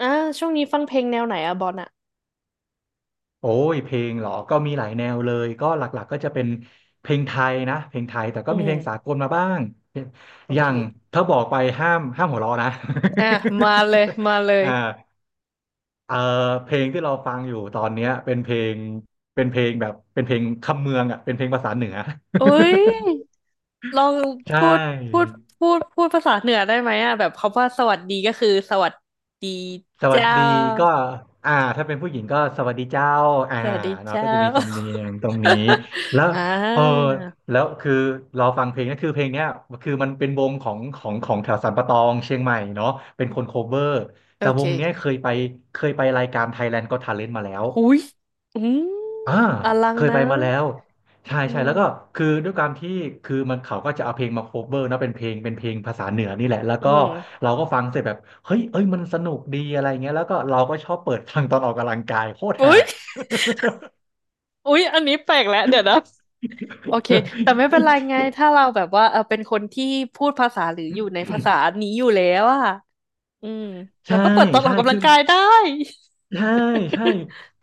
อ่าช่วงนี้ฟังเพลงแนวไหนอะบอลอะโอ้ยเพลงเหรอก็มีหลายแนวเลย ก็หลักๆก็จะเป็นเพลงไทยนะเพลงไทยแต่ก็อืมีเพลงสามกลมาบ้างโออย่าเคงถ้าบอกไปห้ามหัวเราะนะ อ่ะมาเลย มาเลยอ่าเออเพลงที่เราฟังอยู่ตอนเนี้ยเป็นเพลงเป็นเพลงแบบเป็นเพลงคำเมืองอ่ะเป็นเพลงภาษาเหนือ อุ้ ยลองใช่ พูดพูดพูดภาษาเหนือได้ไหมอะแบบคำว่าสวัสดีก็คือสวัสดีสวัสเจ้าดีก็อ่าถ้าเป็นผู้หญิงก็สวัสดีเจ้าอ่าสวัสดีเนาะเจ้า ก็จะมีสำเนียงตรงนี้แล้ว อ่เออาแล้วคือเราฟังเพลงนะคือเพลงเนี้ยคือมันเป็นวงของแถวสันปะตองเชียงใหม่เนาะเป็นคนโคเวอร์โอแต่วเคงเนี้ยเคยไปรายการ Thailand Got Talent มาแล้ว หุยอืมอ่าอลังเคยนะไปมาแล้วใช่อืใช่แล้มวก็คือด้วยความที่คือมันเขาก็จะเอาเพลงมาโคเวอร์นะเป็นเพลงภาษาเหนือนี่แหละแล้วอืก็มเราก็ฟังเสร็จแบบเฮ้ยเอ้ยมันสนุกดีอะไรเงี้ยแล้วก็เราก็ชอบเปิดฟังตอนออกกำลังกายโคตรฮา อุ้ยอุ้ยอันนี้แปลกแล้วเดี๋ยวนะ โอเค แต่ไม่เป็เฮ้นยไรไงถ้าเราแบบว่าเออเป็นคนที่พูดภาษาหรืออยู่ในภาษานี้อยู่แล้วอ่ะอืมแล้ใช่วก็เปิดตอนอใช่อกกำลัคือ งกายได้ ใช่ใช่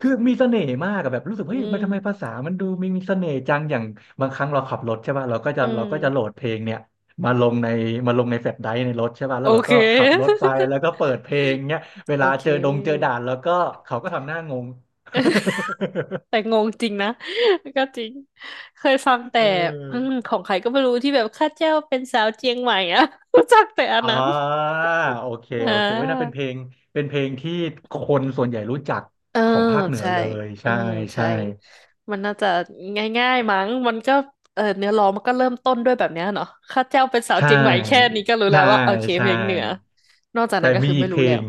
คือมีเสน่ห์มากอะแบบรู้สึกอืเฮ้ยมันทำไมภามษามันดูมีมีเสน่ห์จังอย่างบางครั้งเราขับรถใช่ป่ะเราก็จะอืเราก็จะโหลมดเพลงเนี่ยมาลงในมาลงในแฟลชไดรฟ์ในรถใช่ป่ะแล้โอวเราเค ก็ขับรถไปแล้วก็ เปิดเพลงเนี่ยเวโอลาเเจอดงเจอค ด่านแล้วก็เขาก็ทำหน้างง แต่งงจริงนะ ก็จริง เคยฟัง แต่เอืออมของใครก็ไม่รู้ที่แบบข้าเจ้าเป็นสาวเจียงใหม่อะ รู้จักแต่อันอ่นั้นาโอเคอ่โอเคโอ้ยน่าเป็นา เพลงที่คนส่วนใหญ่รู้จักเออของภาคเหนือใช่ เลยอืใช่มใช่ใช่มันน่าจะง่ายๆมั้งมันก็เออเนื้อร้องมันก็เริ่มต้นด้วยแบบเนี้ยเนาะข้าเจ้าเป็นสาใชวเจียงใหม่แค่่นี้ก็รู้แล้ใช่วว่าโอเคเพใช่ ลงเหนือนอกจากแต่นั้นก็มีคืออีไม่กเพรู้ลแล้วง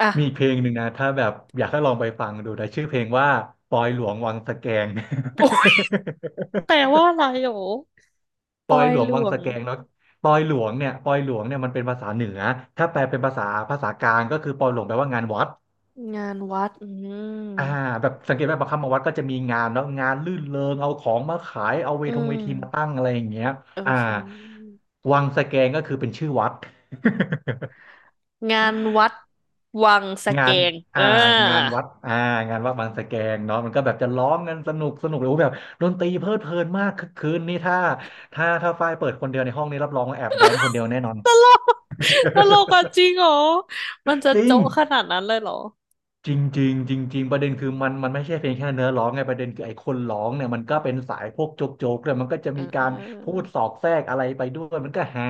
อ่ะ มีอีกเพลงหนึ่งนะถ้าแบบอยากให้ลองไปฟังดูนะชื่อเพลงว่าปอยหลวงวังสะแกง แปลว่าอะไรโหรอปปออยยหลวงหลวังวงสะแกงเนาะปอยหลวงเนี่ยปอยหลวงเนี่ยมันเป็นภาษาเหนือถ้าแปลเป็นภาษากลางก็คือปอยหลวงแปลว่างานวัดงานวัดอืมอ่าแบบสังเกตไหมบางคำมางวัดก็จะมีงานเนาะงานลื่นเริงเอาของมาขายเอาเวอืทงเวมทีมาตั้งอะไรอย่างเงี้ยโออ่าเควังสะแกงก็คือเป็นชื่อวัด งานวัดวังสะงาเกนงเออ่างานอวัดอ่างานวัดบางสะแกงเนาะมันก็แบบจะร้องกันสนุกสนุกเลยโอ้โหแบบดนตรีเพลิดเพลินมากคึกคืนนี่ถ้าฝ้ายเปิดคนเดียวในห้องนี้รับรองว่าแอบแดนคนเดียวแน่นอน ตลก ตลกอ่ะจริ งเหรอมันจะจริงโจ๊ะขนาดนั้นเลยเหรอ จริงจริงจริงจริงประเด็นคือมันไม่ใช่เพียงแค่เนื้อร้องไงประเด็นคือไอ้คนร้องเนี่ยมันก็เป็นสายพวกโจ๊กโจ๊กเลยมันก็จะเมีการออพูดสอดแทรกอะไรไปด้วยมันก็ฮา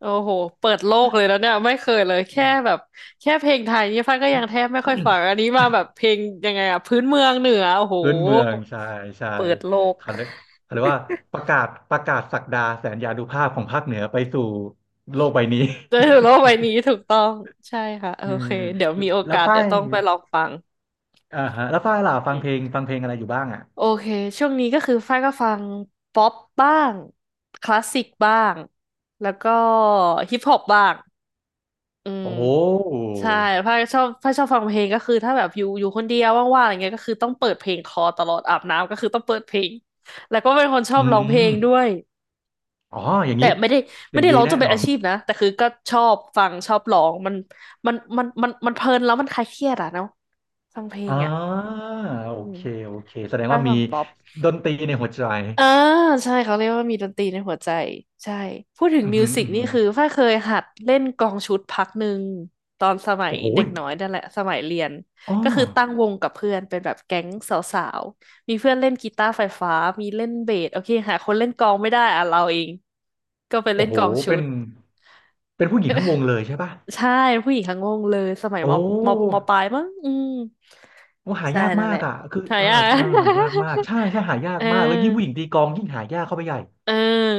โอ้โหเปิดโลกเลยแล้วเนี่ยไม่เคยเลยแค่แบบแค่เพลงไทยนี่ฟ้าก็ยังแทบไม่ค่อยฟังอันนี้มาแบบเพลงยังไงอะพื้นเมืองเหนือโอ้โหพื้นเมืองใช่ใช่เปิดโลกเขาเรียกเขาเรียกว่าประกาศศักดาแสนยานุภาพของภาคเหนือไปสู่โลกใบนี้ได้สูโลกใบนี้ถูกต้องใช่ค่ะโออืเคมเดี๋ยวมีโอแล้กาวสฝ้าเดี๋ยวยต้องไปลองฟังอ่าฮะแล้วฝ้ายล่ะฟัอืงเพลมงฟังเพลงอะไรอยู่บ้างอ่ะโอเคช่วงนี้ก็คือฟ้ายก็ฟังป๊อปบ้างคลาสสิกบ้างแล้วก็ฮิปฮอปบ้าง อืมโอ้โหใช่พ้าชอบฟังเพลงก็คือถ้าแบบอยู่คนเดียวว่างๆอะไรเงี้ยก็คือต้องเปิดเพลงคอตลอดอาบน้ำก็คือต้องเปิดเพลงแล้วก็เป็นคนชออืบร้องเพลมงด้วยอ๋ออย่างแต่นี้ไม่ได้อไม่ย่างได้ดีร้องจแน่นเป็นนออานชีพนะแต่คือก็ชอบฟังชอบร้องมันเพลินแล้วมันคลายเครียดอ่ะเนาะฟังเพลอ่งอ่ะาโออืมเคโอเคแสดงได้ว่าฟัมีงป๊อป ดนตรีในหัวใจอ่าใช่เขาเรียกว่ามีดนตรีในหัวใจใช่พูดถึงอืมอมิหืวมสิอกอือนี่หือคือฝ้ายเคยหัดเล่นกลองชุดพักหนึ่งตอนสมัยโอ้โหเด็ยกน้อยนั่นแหละสมัยเรียนอ๋อก็คือตั้งวงกับเพื่อนเป็นแบบแก๊งสาวๆมีเพื่อนเล่นกีตาร์ไฟฟ้ามีเล่นเบสโอเคหาคนเล่นกลองไม่ได้อ่ะเราเองก็ไปเล่โอ้นโหกลองชุเป็ดนเป็นผู้หญิงทั้งวงเลยใช่ป่ะใช่ผู้หญิงทั้งวงเลยสมัยโอ้ มปลายมั้งอืมโอ้หาใช่ยากนั่นมาแหกละอ่ะคือหาเออยาเอก อหายากมากใช่ใช่หายา เอกอ มาก แล้วยิ่งผู้หญิงตีกลองยิ่งหายากเข้าไปใหญ่เออ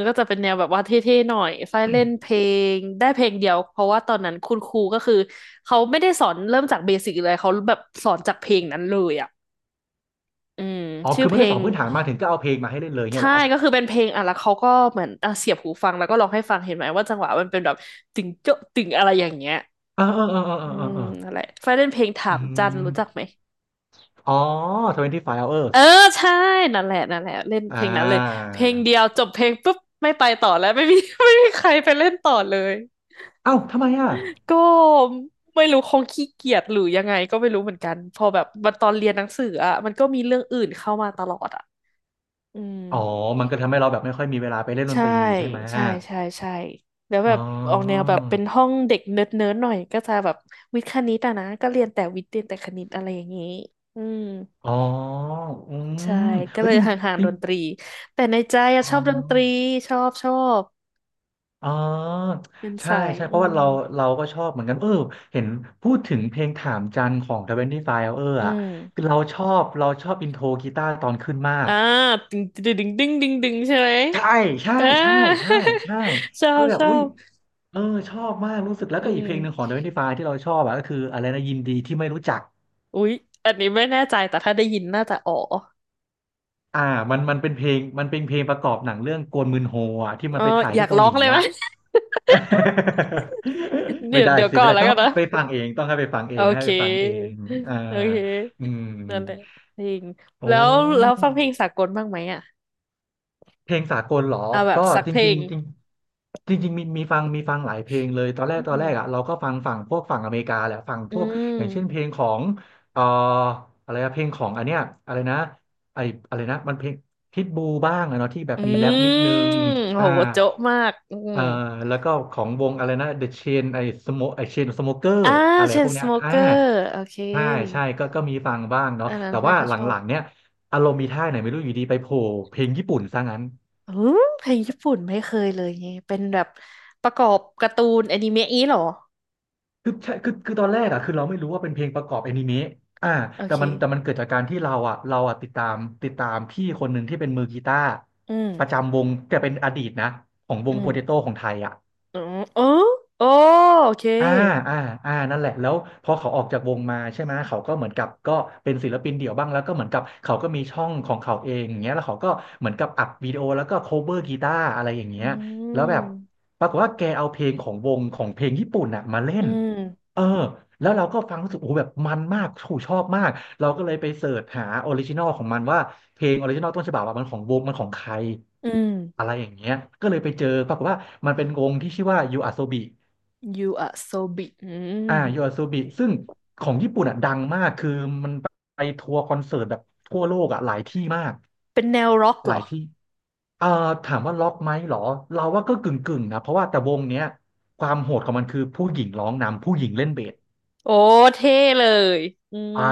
ก็จะเป็นแนวแบบว่าเท่ๆหน่อยฝ้ายเล่นเพลง ได้เพลงเดียว เพราะว่าตอนนั้นคุณครูก็คือเขาไม่ได้สอนเริ่มจากเบสิกเลยเขาแบบสอนจากเพลงนั้นเลยอ่ะอืม อ๋อชื่คืออเพไม่ลได้สอง นพื้นฐานมาถึงก็เอาเพลงมาให้เล่นเลยเนี่ยใช่เหรอก็คือเป็นเพลงอ่ะ แล้วเขาก็เหมือนอ่ะเสียบหูฟังแล้วก็ร้องให้ฟัง เห็นไหมว่าจังหวะมันเป็นแบบตึงโจ๊ะตึงอะไรอย่างเงี้ยเออเออเออเออเออือมเออนั่นแหละฝ้ายเล่นเพลงถาอืมจันรู้จักมไหมอ๋อ twenty five เอ hours อใช่นั่นแหละนั่นแหละเล่นเพอ่าลงนั้นเลยเพลงเดียวจบเพลงปุ๊บไม่ไปต่อแล้วไม่มี ไม่มีใครไปเล่นต่อเลย เอ้าทำไมอ่ะ ก็ไม่รู้คงขี้เกียจหรือยังไงก็ไม่รู้เหมือนกันพอแบบมันตอนเรียนหนังสืออ่ะมันก็มีเรื่องอื่นเข้ามาตลอดอ่ะอืมอ๋อมันก็ทำให้เราแบบไม่ค่อยมีเวลาไปเล่นดนใช่ตรีใช่ไหม ใช่ใช่ใช่แล้วแบอ๋บออกแนวอ แบบเป็นห้องเด็กเนิร์ดเนิร์ดหน่อยก็จะแบบวิทย์คณิตอะนะก็เรียนแต่วิทย์เรียนแต่คณิตอะไรอย่างนี้อืมอ๋ออืใช่มก็เฮ้ยเลยจริงห่างจๆริดงนตรีแต่ในใจอะอ๋อ ชอบดนตรีชอบชอบอ๋อเป็นใช่สายใช่เพอืราะว่ามเราเราก็ชอบเหมือนกันเออเห็นพูดถึงเพลงถามจันของทเวนตี้ไฟเอออือ่ะม คือเราชอบเราชอบอินโทรกีตาร์ตอนขึ้นมากอ่าดึงดึงดึงดึงดึงดึงใช่ไหมใช่ใช่อ่า ใช่ใช่ใช่ ชอคือบแบชบออุ้ยบเออชอบมากรู้สึกแล้วอืก็อีกมเพลงหนึ่งของทเวนตี้ไฟว์ที่เราชอบอ่ะก็คืออะไรนะยินดีที่ไม่รู้จักอุ๊ยอันนี้ไม่แน่ใจแต่ถ้าได้ยินน่าจะอ๋ออ่ามันเป็นเพลงมันเป็นเพลงประกอบหนังเรื่องโกลมืนโฮอ่ะที่เอมัอนไปถ่ายอยาที่กเการ้หอลีงเลยไหม อ่ะ ไม่เดี๋ยวได้เดี๋ยวสิก่อไม่นได้แล้วต้องกันนะไปฟังเองต้องให้ไปฟังเอโองให้เคไปฟังเองอ่าโอเคอืมนั่นแหละเพลงโอ้ แล้วแล้วฟังเพลงสากลบ้างไหมอ่ะเพลงสากลเหรอ เอาแบบก็สักจเพลริงงๆจริงจริงๆมีฟังหลายเพลงเลย ตอนแรกอืตอนแรกอ่ะมเราก็ฟังฝั่งพวกฝั่งอเมริกาแหละฝั่งอืพวกอย่างเช่นเพมลงของเอ่ออะไรอะเพลงของอันเนี้ยอะไรนะไออะไรนะมันเพลงพิทบูบ้างอะเนาะที่แบบอืมีแรปนิดนึงมโหอ่าโจ๊ะมากอืมเอ่อแล้วก็ของวงอะไรนะ The Chain ไอสโมไอ Chain Smoker อ่าอะไรเชพนวกสเนี้ยโมอ่าเกอร์โอเคใช่ใช่ก็มีฟังบ้างเนาะอันนั้นแต่ฟ้าว่าก็หลชอบ ังๆเนี้ยอารมณ์มีท่าไหนไม่รู้อยู่ดีไปโผล่เพลงญี่ปุ่นซะงั้น อืมเพลงญี่ปุ่นไม่เคยเลยไงเป็นแบบประกอบการ์ตูนอนิเมะนี้เหรอคือใช่คือตอนแรกอ่ะคือเราไม่รู้ว่าเป็นเพลงประกอบแอนิเมะอ่าโอแต่มันเคเกิดจากการที่เราอ่ะติดตามติดตามพี่คนหนึ่งที่เป็นมือกีตาร์อืมประจำวงแต่เป็นอดีตนะของวอืงโปเตโต้มของไทยอ่ะ อืมเออโอโอเคอ่าอ่าอ่านั่นแหละแล้วพอเขาออกจากวงมาใช่ไหมเขาก็เหมือนกับก็เป็นศิลปินเดี่ยวบ้างแล้วก็เหมือนกับเขาก็มีช่องของเขาเองอย่างเงี้ยแล้วเขาก็เหมือนกับอัดวิดีโอแล้วก็โคเวอร์กีตาร์อะไรอย่างอืเงี้ยแล้วแบบมปรากฏว่าแกเอาเพลงของวงของเพลงญี่ปุ่นน่ะมาเล่อืนมเออแล้วเราก็ฟังรู้สึกโอ้โหแบบมันมากถูชอบมากเราก็เลยไปเสิร์ชหาออริจินอลของมันว่าเพลงออริจินอลต้นฉบับอะมันของวงมันของใครอืม อะไรอย่างเงี้ยก็เลยไปเจอปรากฏว่ามันเป็นวงที่ชื่อว่ายูอาโซบิ You are so big อือ่ามโยอาซูบิซึ่งของญี่ปุ่นอ่ะดังมากคือมันไปทัวร์คอนเสิร์ตแบบทั่วโลกอ่ะหลายที่มากเป็นแนวร็อกหเหรลายอที่เอ่อถามว่าล็อกไหมเหรอเราว่าก็กึ่งนะเพราะว่าแต่วงเนี้ยความโหดของมันคือผู้หญิงร้องนำผู้หญิงเล่นเบสโอ้เท่เลยอือ่าม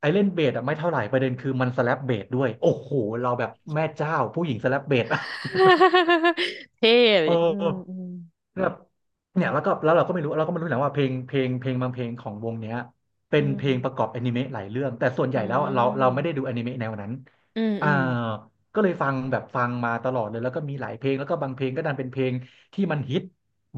ไอเล่นเบสอ่ะไม่เท่าไหร่ประเด็นคือมันสแลปเบสด้วยโอ้โหเราแบบแม่เจ้าผู้หญิงสแลปเบส เท่เลเออ ยอืมอแบบเนี่ยแล้วก็แล้วเราก็ไม่รู้เราก็ไม่รู้นะว่าเพลงบางเพลงของวงเนี้ยเป็ืนเพลมงประกอบอนิเมะหลายเรื่องแต่ส่วนใหอืญ่แล้วเราไม่ได้มดูอนิเมะแนวนั้นอืมอ่าอืมก็เลยฟังแบบฟังมาตลอดเลยแล้วก็มีหลายเพลงแล้วก็บางเพลงก็ดันเป็นเพลงที่มันฮิต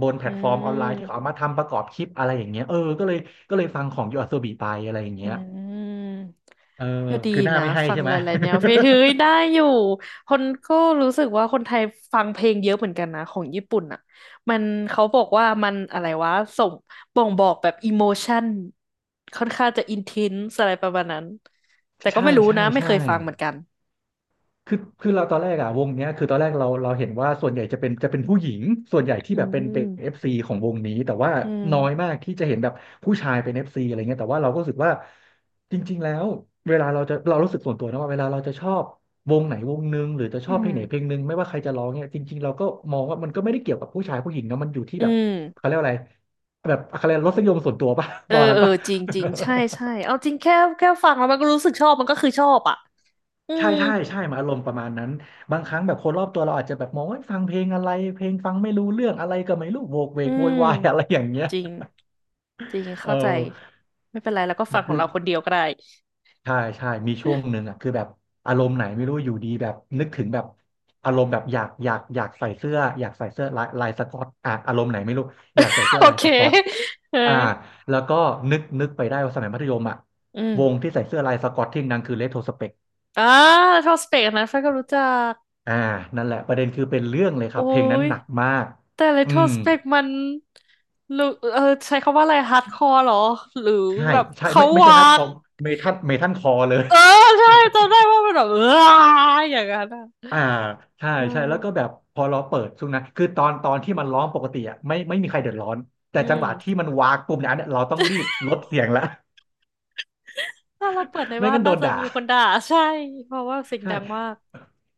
บนแพลอืมอืตฟอร์มออนไลน์ที่เขาม เอามาทำประกอบคลิปอะไรอย่างเงี้ยเออก็เลยก็เลยฟังของยูอาโซบิไปอะไรอย่างอืเงี้ยมเออก็ดีคือหน้านะไม่ให้ฟังใช่ไหหม ลายๆแนวเพลงเฮ้ยได้อยู่คนก็รู้สึกว่าคนไทยฟังเพลงเยอะเหมือนกันนะของญี่ปุ่นอ่ะมันเขาบอกว่ามันอะไรวะส่งบ่งบอกแบบอิโมชันค่อนข้างจะอินเทนส์อะไรประมาณนั้นแต่ ก็ไม่ใช่รู้ใช่นะไม่ใช่ เคยฟังเหมือนกันคือเราตอนแรกอะวงเนี้ยคือตอนแรกเราเห็นว่าส่วนใหญ่จะเป็นจะเป็นผู้หญิงส่วนใหญ่ที่อืแบบเป็นเอมฟซีของวงนี้แต่ว่าอืน้อยมมากที่จะเห็นแบบผู้ชายเป็นเอฟซีอะไรเงี้ยแต่ว่าเราก็รู้สึกว่าจริงๆแล้วเวลาเราจะเรารู้สึกส่วนตัวนะว่าเวลาเราจะชอบวงไหนวงหนึ่งหรือจะชอือบเพลงไหนเพลมงหนึ่งไม่ว่าใครจะร้องเนี่ยจริงๆเราก็มองว่ามันก็ไม่ได้เกี่ยวกับผู้ชายผู้หญิงนะมันอยู่ที่อืแบบมเขาเรียกว่าอะไรแบบอะไรยกว่ารสนิยมส่วนตัวป่ะ เอปอระมาณเอนั้นอป่ะ จริงจริงใช่ใช่เอาจริงแค่แค่ฟังแล้วมันก็รู้สึกชอบมันก็คือชอบอ่ะอืใช่มใช่ใช่มาอารมณ์ประมาณนั้นบางครั้งแบบคนรอบตัวเราอาจจะแบบมองว่าฟังเพลงอะไรเพลงฟังไม่รู้เรื่องอะไรก็ไม่รู้โวกเวอืกโวยม วายอะไรอย่างเงี้ยจริงจริงเอเข้าใจอไม่เป็นไรแล้วก็ฟังขอคืงอเราคนเดียวก็ได้ ใช่ใช่มีช่วงหนึ่งอ่ะคือแบบอารมณ์ไหนไม่รู้อยู่ดีแบบนึกถึงแบบอารมณ์แบบอยากใส่เสื้ออยากใส่เสื้อลายสก๊อตอ่ะอารมณ์ไหนไม่รู้อยากใส่ เสื้อโอลายเค สก๊อต เอออ่าแล้วก็นึกไปได้ว่าสมัยมัธยมอ่ะอืวงมที่ใส่เสื้อลายสก๊อตที่ดังคือเรโทรสเปก อ่าทอสเปกนะแฟนก็รู้จักอ่านั่นแหละ ประเด็นคือเป็นเรื่องเลยคโอ้รับ เพลงนั้นยหนักมากแต่เลอืโทมสเปกมันหรือเออใช้คำว่าอะไรฮาร์ดคอร์หรอหรือใช่แบบใช่เขาไม่ใช่วาฮาร์ดคกอร์เมทัลคอร์เลย เออใช่จำได้ ว่ามันแบบ เอออย่างนั้นอ่ะอ่าใช่เอใช่ แล้วก็แบอบพอเราเปิดช่วงนั้นคือตอนที่มันร้องปกติอ่ะไม่มีใครเดือดร้อน แต่อืจังหวะที่มมันวากปุ่มเนี่ยอันเนี้ยเราต้องรีบลดเสียงละ ถ้าเราเปิดใน ไม่บ้านงั้นโดน่านจะด่า มีคนด่า ใช่เพราะว่าเสียงใช่ดังมาก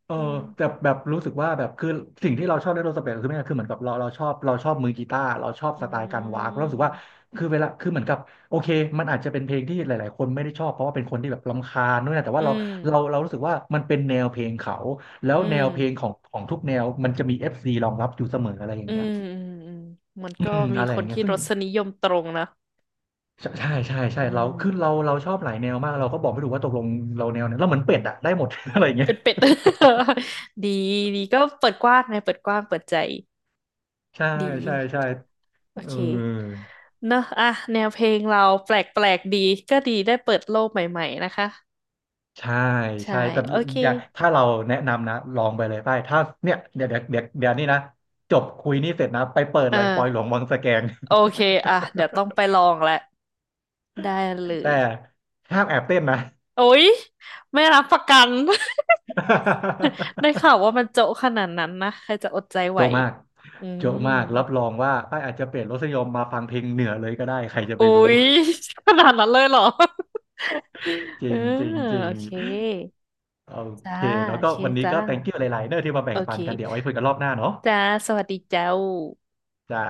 เอออืมแต่แบบรู้สึกว่าแบบคือสิ่งที่เราชอบในโรสเปซคือไม่คือเหมือนกับเราชอบเราชอบมือกีตาร์เราชอบอืสไตล์การวากเรารู้สึกว่ามคือเวลาคือเหมือนกับโอเคมันอาจจะเป็นเพลงที่หลายๆคนไม่ได้ชอบเพราะว่าเป็นคนที่แบบรำคาญนู่นนะแต่อืว่าม เรารู้สึกว่ามันเป็นแนวเพลงเขาแล้วอืแนมวเพลงของทุกแนวมันจะมีเอฟซีรองรับอยู่เสมออะไรอย่าอืงเงี้ยมอืมอืมมันอืก็มมีอะไรคอย่านงเงี้ยที่ซึ่รงสนิยมตรงนะ ใช่ใช่ใช่ใช่อืเราคือมเราชอบหลายแนวมากเราก็บอกไม่ถูกว่าตกลงเราแนวไหนเราเหมือนเป็ดอะได้หมด อะไรอย่างเงี้ยเป็นเป็ด ดีดีก็เปิดกว้างนะเปิดกว้างเปิดใจใช่ดีใช่ใช่ โอเออเคเนอะอ่ะแนวเพลงเราแปลกแปลกดีก็ดีได้เปิดโลกใหม่ๆนะคะใช่ใช่ใช่แต่โอเคอย่าถ้าเราแนะนำนะลองไปเลยไปถ้าเนี่ยเดี๋ยวนี่นะจบคุยนี่เสร็จนะไปเปิดเอเลยปอยหลวองวังสแกง โอเคอ่ะเดี๋ยวต้องไปลองแหละได้เล แต่ยห้ามแอบเต้นนะ โอ๊ยไม่รับประกัน ได้ข่าวว่ามันโจ๊ะขนาดนั้นนะใครจะอดใจ ไหวโจ๊ะมากอืโจ๊ะม มากรับรองว่าป้ายอาจจะเปลี่ยนรสนิยมมาฟังเพลงเหนือเลยก็ได้ใครจะไปอุ๊รู้ ย ขนาดนั้นเลยเหรอ จเอริองจริงจริโองเคโอจ้าเคแล้วโอก็เควันนี้จ้าก็ thank you หลายๆเนอะที่มาแบ่โองเคปันกันเดี๋ยวไว้คุยกันรอบหน้าเนาะจ้าสวัสดีเจ้าจ้า